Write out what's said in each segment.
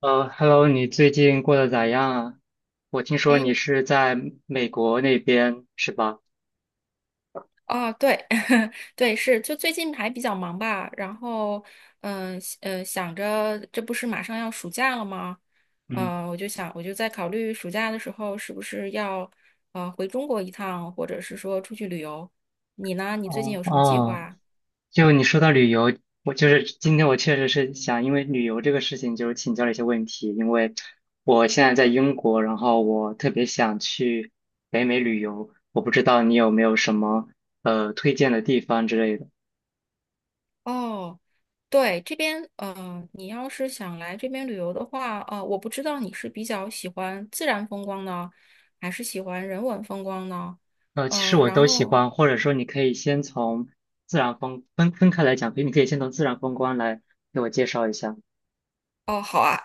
Hello，你最近过得咋样啊？我听说哎，你是在美国那边是吧？哦，对，对，是，就最近还比较忙吧，然后，想着这不是马上要暑假了吗？嗯，我就想，我就在考虑暑假的时候是不是要回中国一趟，或者是说出去旅游。你呢？你最近哦有什么计哦，划？就你说到旅游，我就是今天我确实是想因为旅游这个事情，就是请教了一些问题，因为我现在在英国，然后我特别想去北美旅游，我不知道你有没有什么推荐的地方之类的。哦，对，这边，你要是想来这边旅游的话，我不知道你是比较喜欢自然风光呢，还是喜欢人文风光呢？其实呃，我然都喜后。欢，或者说你可以先从自然风分分开来讲，比如你可以先从自然风光来给我介绍一下。哦，好啊，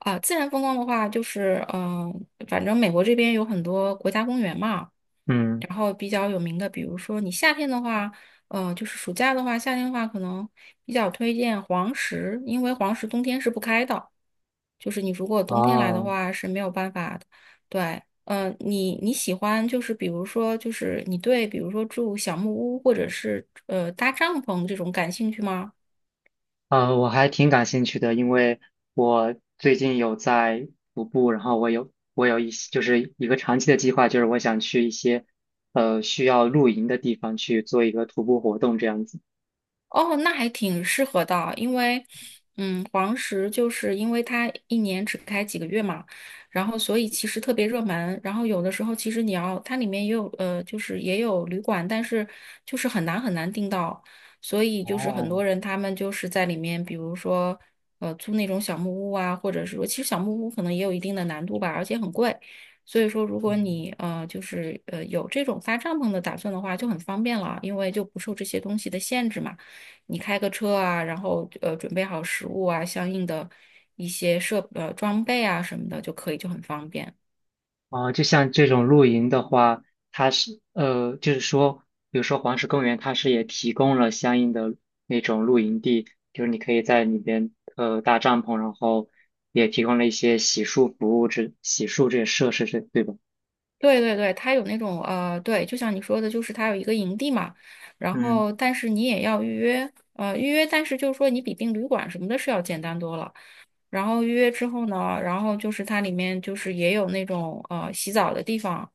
啊，自然风光的话，反正美国这边有很多国家公园嘛，嗯，然后比较有名的，比如说你夏天的话，就是暑假的话，夏天的话可能比较推荐黄石，因为黄石冬天是不开的，就是你如果冬天来的哦，话是没有办法的。对，你喜欢就是比如说就是你对比如说住小木屋或者是搭帐篷这种感兴趣吗？我还挺感兴趣的，因为我最近有在徒步，然后我有一些就是一个长期的计划，就是我想去一些需要露营的地方去做一个徒步活动这样子。哦，那还挺适合的，因为，嗯，黄石就是因为它一年只开几个月嘛，然后所以其实特别热门，然后有的时候其实你要它里面也有就是也有旅馆，但是就是很难订到，所以就是很哦，多人他们就是在里面，比如说租那种小木屋啊，或者是说其实小木屋可能也有一定的难度吧，而且很贵，所以说如果你有这种搭帐篷的打算的话，就很方便了，因为就不受这些东西的限制嘛。你开个车啊，然后准备好食物啊，相应的一些装备啊什么的就可以，就很方便。啊，就像这种露营的话，它是就是说，比如说黄石公园，它是也提供了相应的那种露营地，就是你可以在里边搭帐篷，然后也提供了一些洗漱服务这洗漱这些设施，这对吧？对对对，它有那种,对，就像你说的，就是它有一个营地嘛，然嗯后但是你也要预约，预约,但是就是说你比订旅馆什么的是要简单多了。然后预约之后呢，然后就是它里面就是也有那种洗澡的地方，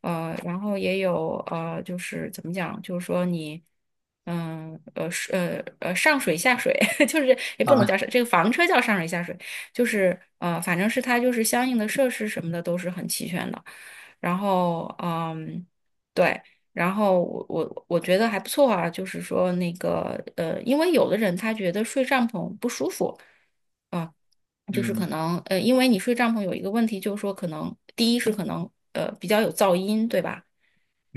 然后也有就是怎么讲，就是说你上水下水，就是也不能啊，叫上这个房车叫上水下水，就是反正是它就是相应的设施什么的都是很齐全的，然后嗯对。然后我觉得还不错啊，就是说那个,因为有的人他觉得睡帐篷不舒服，啊。就是可嗯能呃，因为你睡帐篷有一个问题，就是说可能第一是可能比较有噪音，对吧？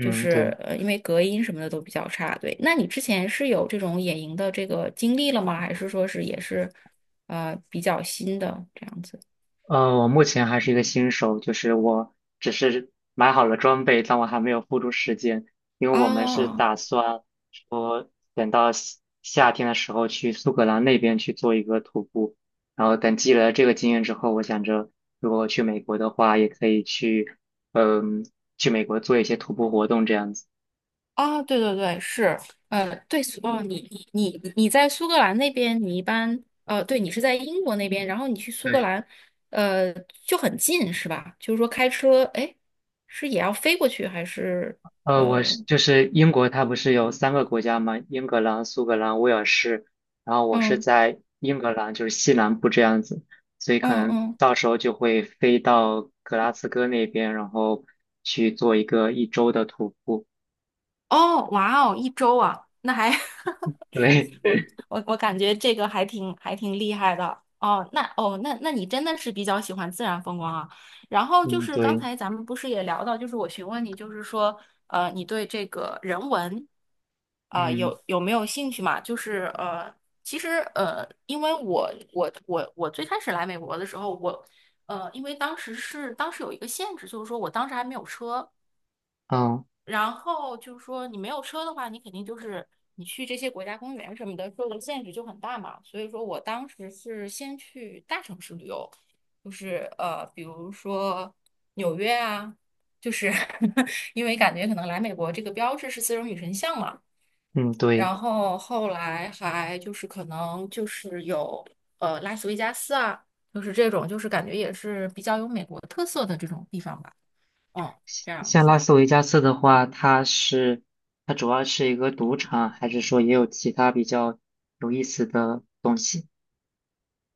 就是对。因为隔音什么的都比较差，对。那你之前是有这种野营的这个经历了吗？还是说是也是比较新的这样子？我目前还是一个新手，就是我只是买好了装备，但我还没有付出时间，因为我们是啊？打算说等到夏夏天的时候去苏格兰那边去做一个徒步，然后等积累了这个经验之后，我想着如果去美国的话，也可以去，嗯、去美国做一些徒步活动这样子。啊，对对对，是，哦，你在苏格兰那边，你一般，你是在英国那边，然后你去苏格对。兰，呃，就很近是吧？就是说开车，哎，是也要飞过去还是，我呃，是就是英国，它不是有三个国家吗？英格兰、苏格兰、威尔士。然后我是嗯在英格兰，就是西南部这样子，所以可嗯能嗯，到时候就会飞到格拉斯哥那边，然后去做一个1周的徒步。哦，哇哦，一周啊，那还 对，我我感觉这个还挺厉害的哦。那那你真的是比较喜欢自然风光啊。然 后就嗯，是刚对，才咱们不是也聊到，就是我询问你，就是说你对这个人文啊、嗯，有没有兴趣嘛？其实,因为我最开始来美国的时候，我,因为当时是当时有一个限制，就是说我当时还没有车，哦，然后就是说，你没有车的话，你肯定就是你去这些国家公园什么的，受的限制就很大嘛。所以说我当时是先去大城市旅游，就是比如说纽约啊，就是 因为感觉可能来美国这个标志是丝绒女神像嘛，嗯，对。然后后来还就是可能就是有拉斯维加斯啊，就是这种就是感觉也是比较有美国特色的这种地方吧，嗯，这样像拉子。斯维加斯的话，它主要是一个赌场，还是说也有其他比较有意思的东西？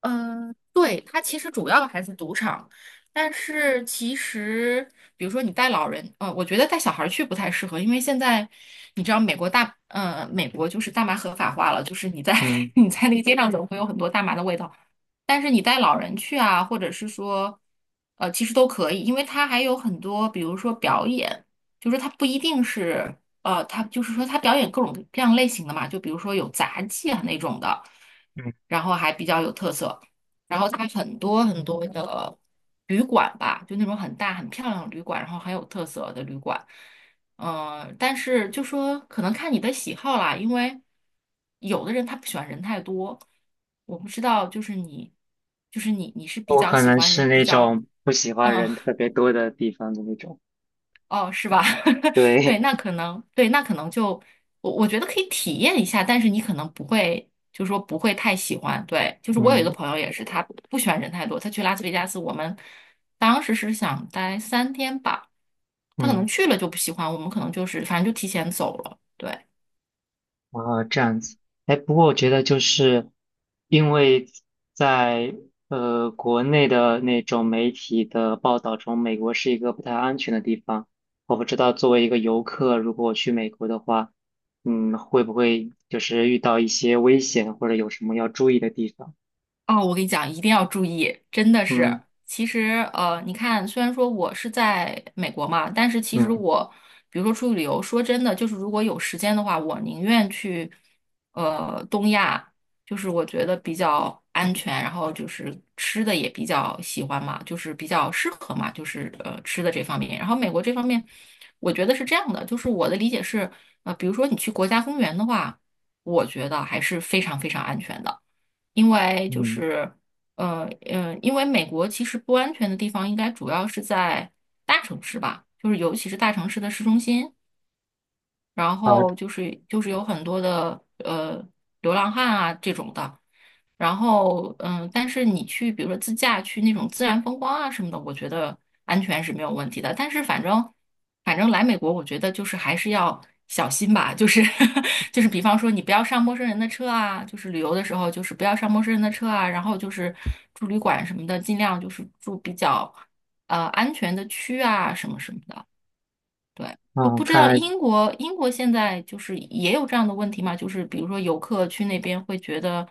嗯，对，它其实主要还是赌场，但是其实，比如说你带老人，我觉得带小孩儿去不太适合，因为现在你知道美国就是大麻合法化了，就是你在 嗯 你在那个街上走会有很多大麻的味道，但是你带老人去啊，或者是说，其实都可以，因为它还有很多，比如说表演，就是它不一定是，它就是说它表演各种各样类型的嘛，就比如说有杂技啊那种的，嗯。然后还比较有特色，然后它很多很多的旅馆吧，就那种很大很漂亮的旅馆，然后很有特色的旅馆。但是就说可能看你的喜好啦，因为有的人他不喜欢人太多，我不知道，就是你,你是比我较可喜能欢是人比那较，种不喜欢嗯，人特别多的地方的那种。哦，是吧？对，对，那可能就我觉得可以体验一下，但是你可能不会，就说不会太喜欢。对，就是我有一嗯个朋友也是，他不喜欢人太多，他去拉斯维加斯，我们当时是想待三天吧，他可能嗯，去了就不喜欢，我们可能就是反正就提前走了。对。然后这样子。哎，不过我觉得就是因为在国内的那种媒体的报道中，美国是一个不太安全的地方。我不知道作为一个游客，如果我去美国的话，嗯，会不会就是遇到一些危险，或者有什么要注意的地方？哦，我跟你讲，一定要注意，真的是。嗯其实,你看，虽然说我是在美国嘛，但是其实嗯我，比如说出去旅游，说真的，就是如果有时间的话，我宁愿去，东亚，就是我觉得比较安全，然后就是吃的也比较喜欢嘛，就是比较适合嘛，就是吃的这方面。然后美国这方面，我觉得是这样的，就是我的理解是，比如说你去国家公园的话，我觉得还是非常非常安全的。因为就嗯，是因为美国其实不安全的地方应该主要是在大城市吧，就是尤其是大城市的市中心。然好，后就是有很多的流浪汉啊这种的，然后嗯，但是你去比如说自驾去那种自然风光啊什么的，我觉得安全是没有问题的。但是反正来美国，我觉得就是还是要小心吧，就是 就是比方说你不要上陌生人的车啊，就是旅游的时候就是不要上陌生人的车啊，然后就是住旅馆什么的，尽量就是住比较安全的区啊什么什么的。对，不嗯，不知道看来。英国现在就是也有这样的问题吗？就是比如说游客去那边会觉得，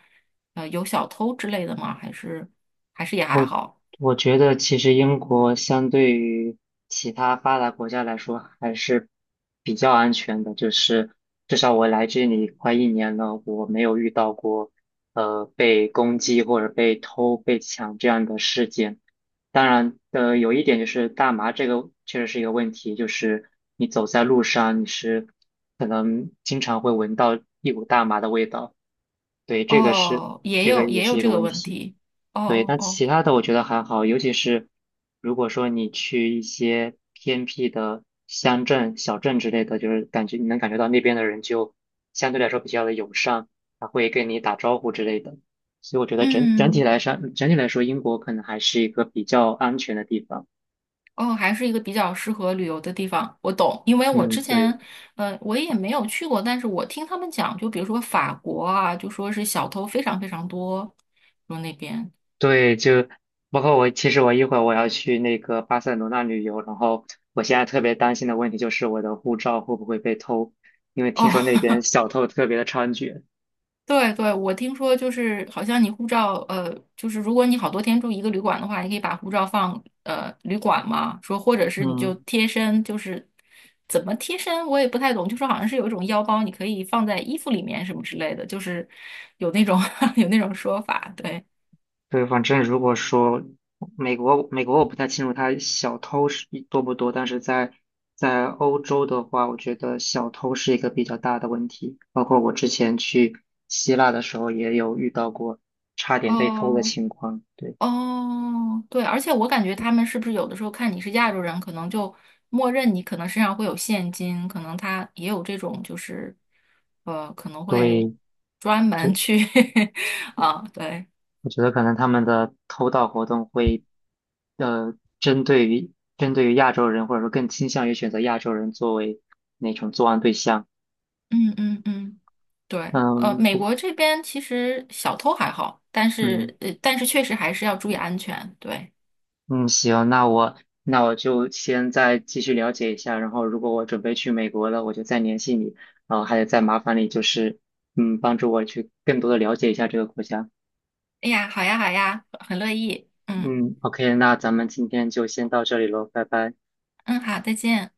有小偷之类的吗？还是也还我好？我觉得其实英国相对于其他发达国家来说还是比较安全的，就是至少我来这里快一年了，我没有遇到过被攻击或者被偷、被抢这样的事件。当然，有一点就是大麻这个确实是一个问题，就是你走在路上，你是可能经常会闻到一股大麻的味道，对，这个是哦，也这有个也也有是一这个个问问题。题。哦对，哦但哦，其他的我觉得还好，尤其是如果说你去一些偏僻的乡镇、小镇之类的，就是感觉你能感觉到那边的人就相对来说比较的友善，他会跟你打招呼之类的。所以我觉得整整体嗯，来说，整体来说，英国可能还是一个比较安全的地方。哦，还是一个比较适合旅游的地方。我懂，因为我嗯，之对前我也没有去过，但是我听他们讲，就比如说法国啊，就说是小偷非常非常多，说那边对，就包括我，其实我一会儿我要去那个巴塞罗那旅游，然后我现在特别担心的问题就是我的护照会不会被偷，因为听哦。说那边 小偷特别的猖獗。对对，我听说就是好像你护照，就是如果你好多天住一个旅馆的话，你可以把护照放旅馆嘛，说或者是你就嗯，贴身，就是怎么贴身我也不太懂，就说好像是有一种腰包，你可以放在衣服里面什么之类的，就是有那种 有那种说法，对，对，反正如果说美国，美国我不太清楚他小偷是多不多，但是在欧洲的话，我觉得小偷是一个比较大的问题。包括我之前去希腊的时候，也有遇到过差点被偷的哦，情况。对，哦，对，而且我感觉他们是不是有的时候看你是亚洲人，可能就默认你可能身上会有现金，可能他也有这种就是，可能会对，专门就去 啊，对，我觉得可能他们的偷盗活动会，呃，针对于针对于亚洲人，或者说更倾向于选择亚洲人作为那种作案对象。嗯嗯嗯，对，嗯，美不，国这边其实小偷还好，但嗯。是但是确实还是要注意安全，对。嗯，行，那我就先再继续了解一下，然后如果我准备去美国了，我就再联系你，然后还得再麻烦你，就是嗯，帮助我去更多的了解一下这个国家。哎呀，好呀好呀，很乐意，嗯嗯，OK，那咱们今天就先到这里喽，拜拜。嗯，好，再见。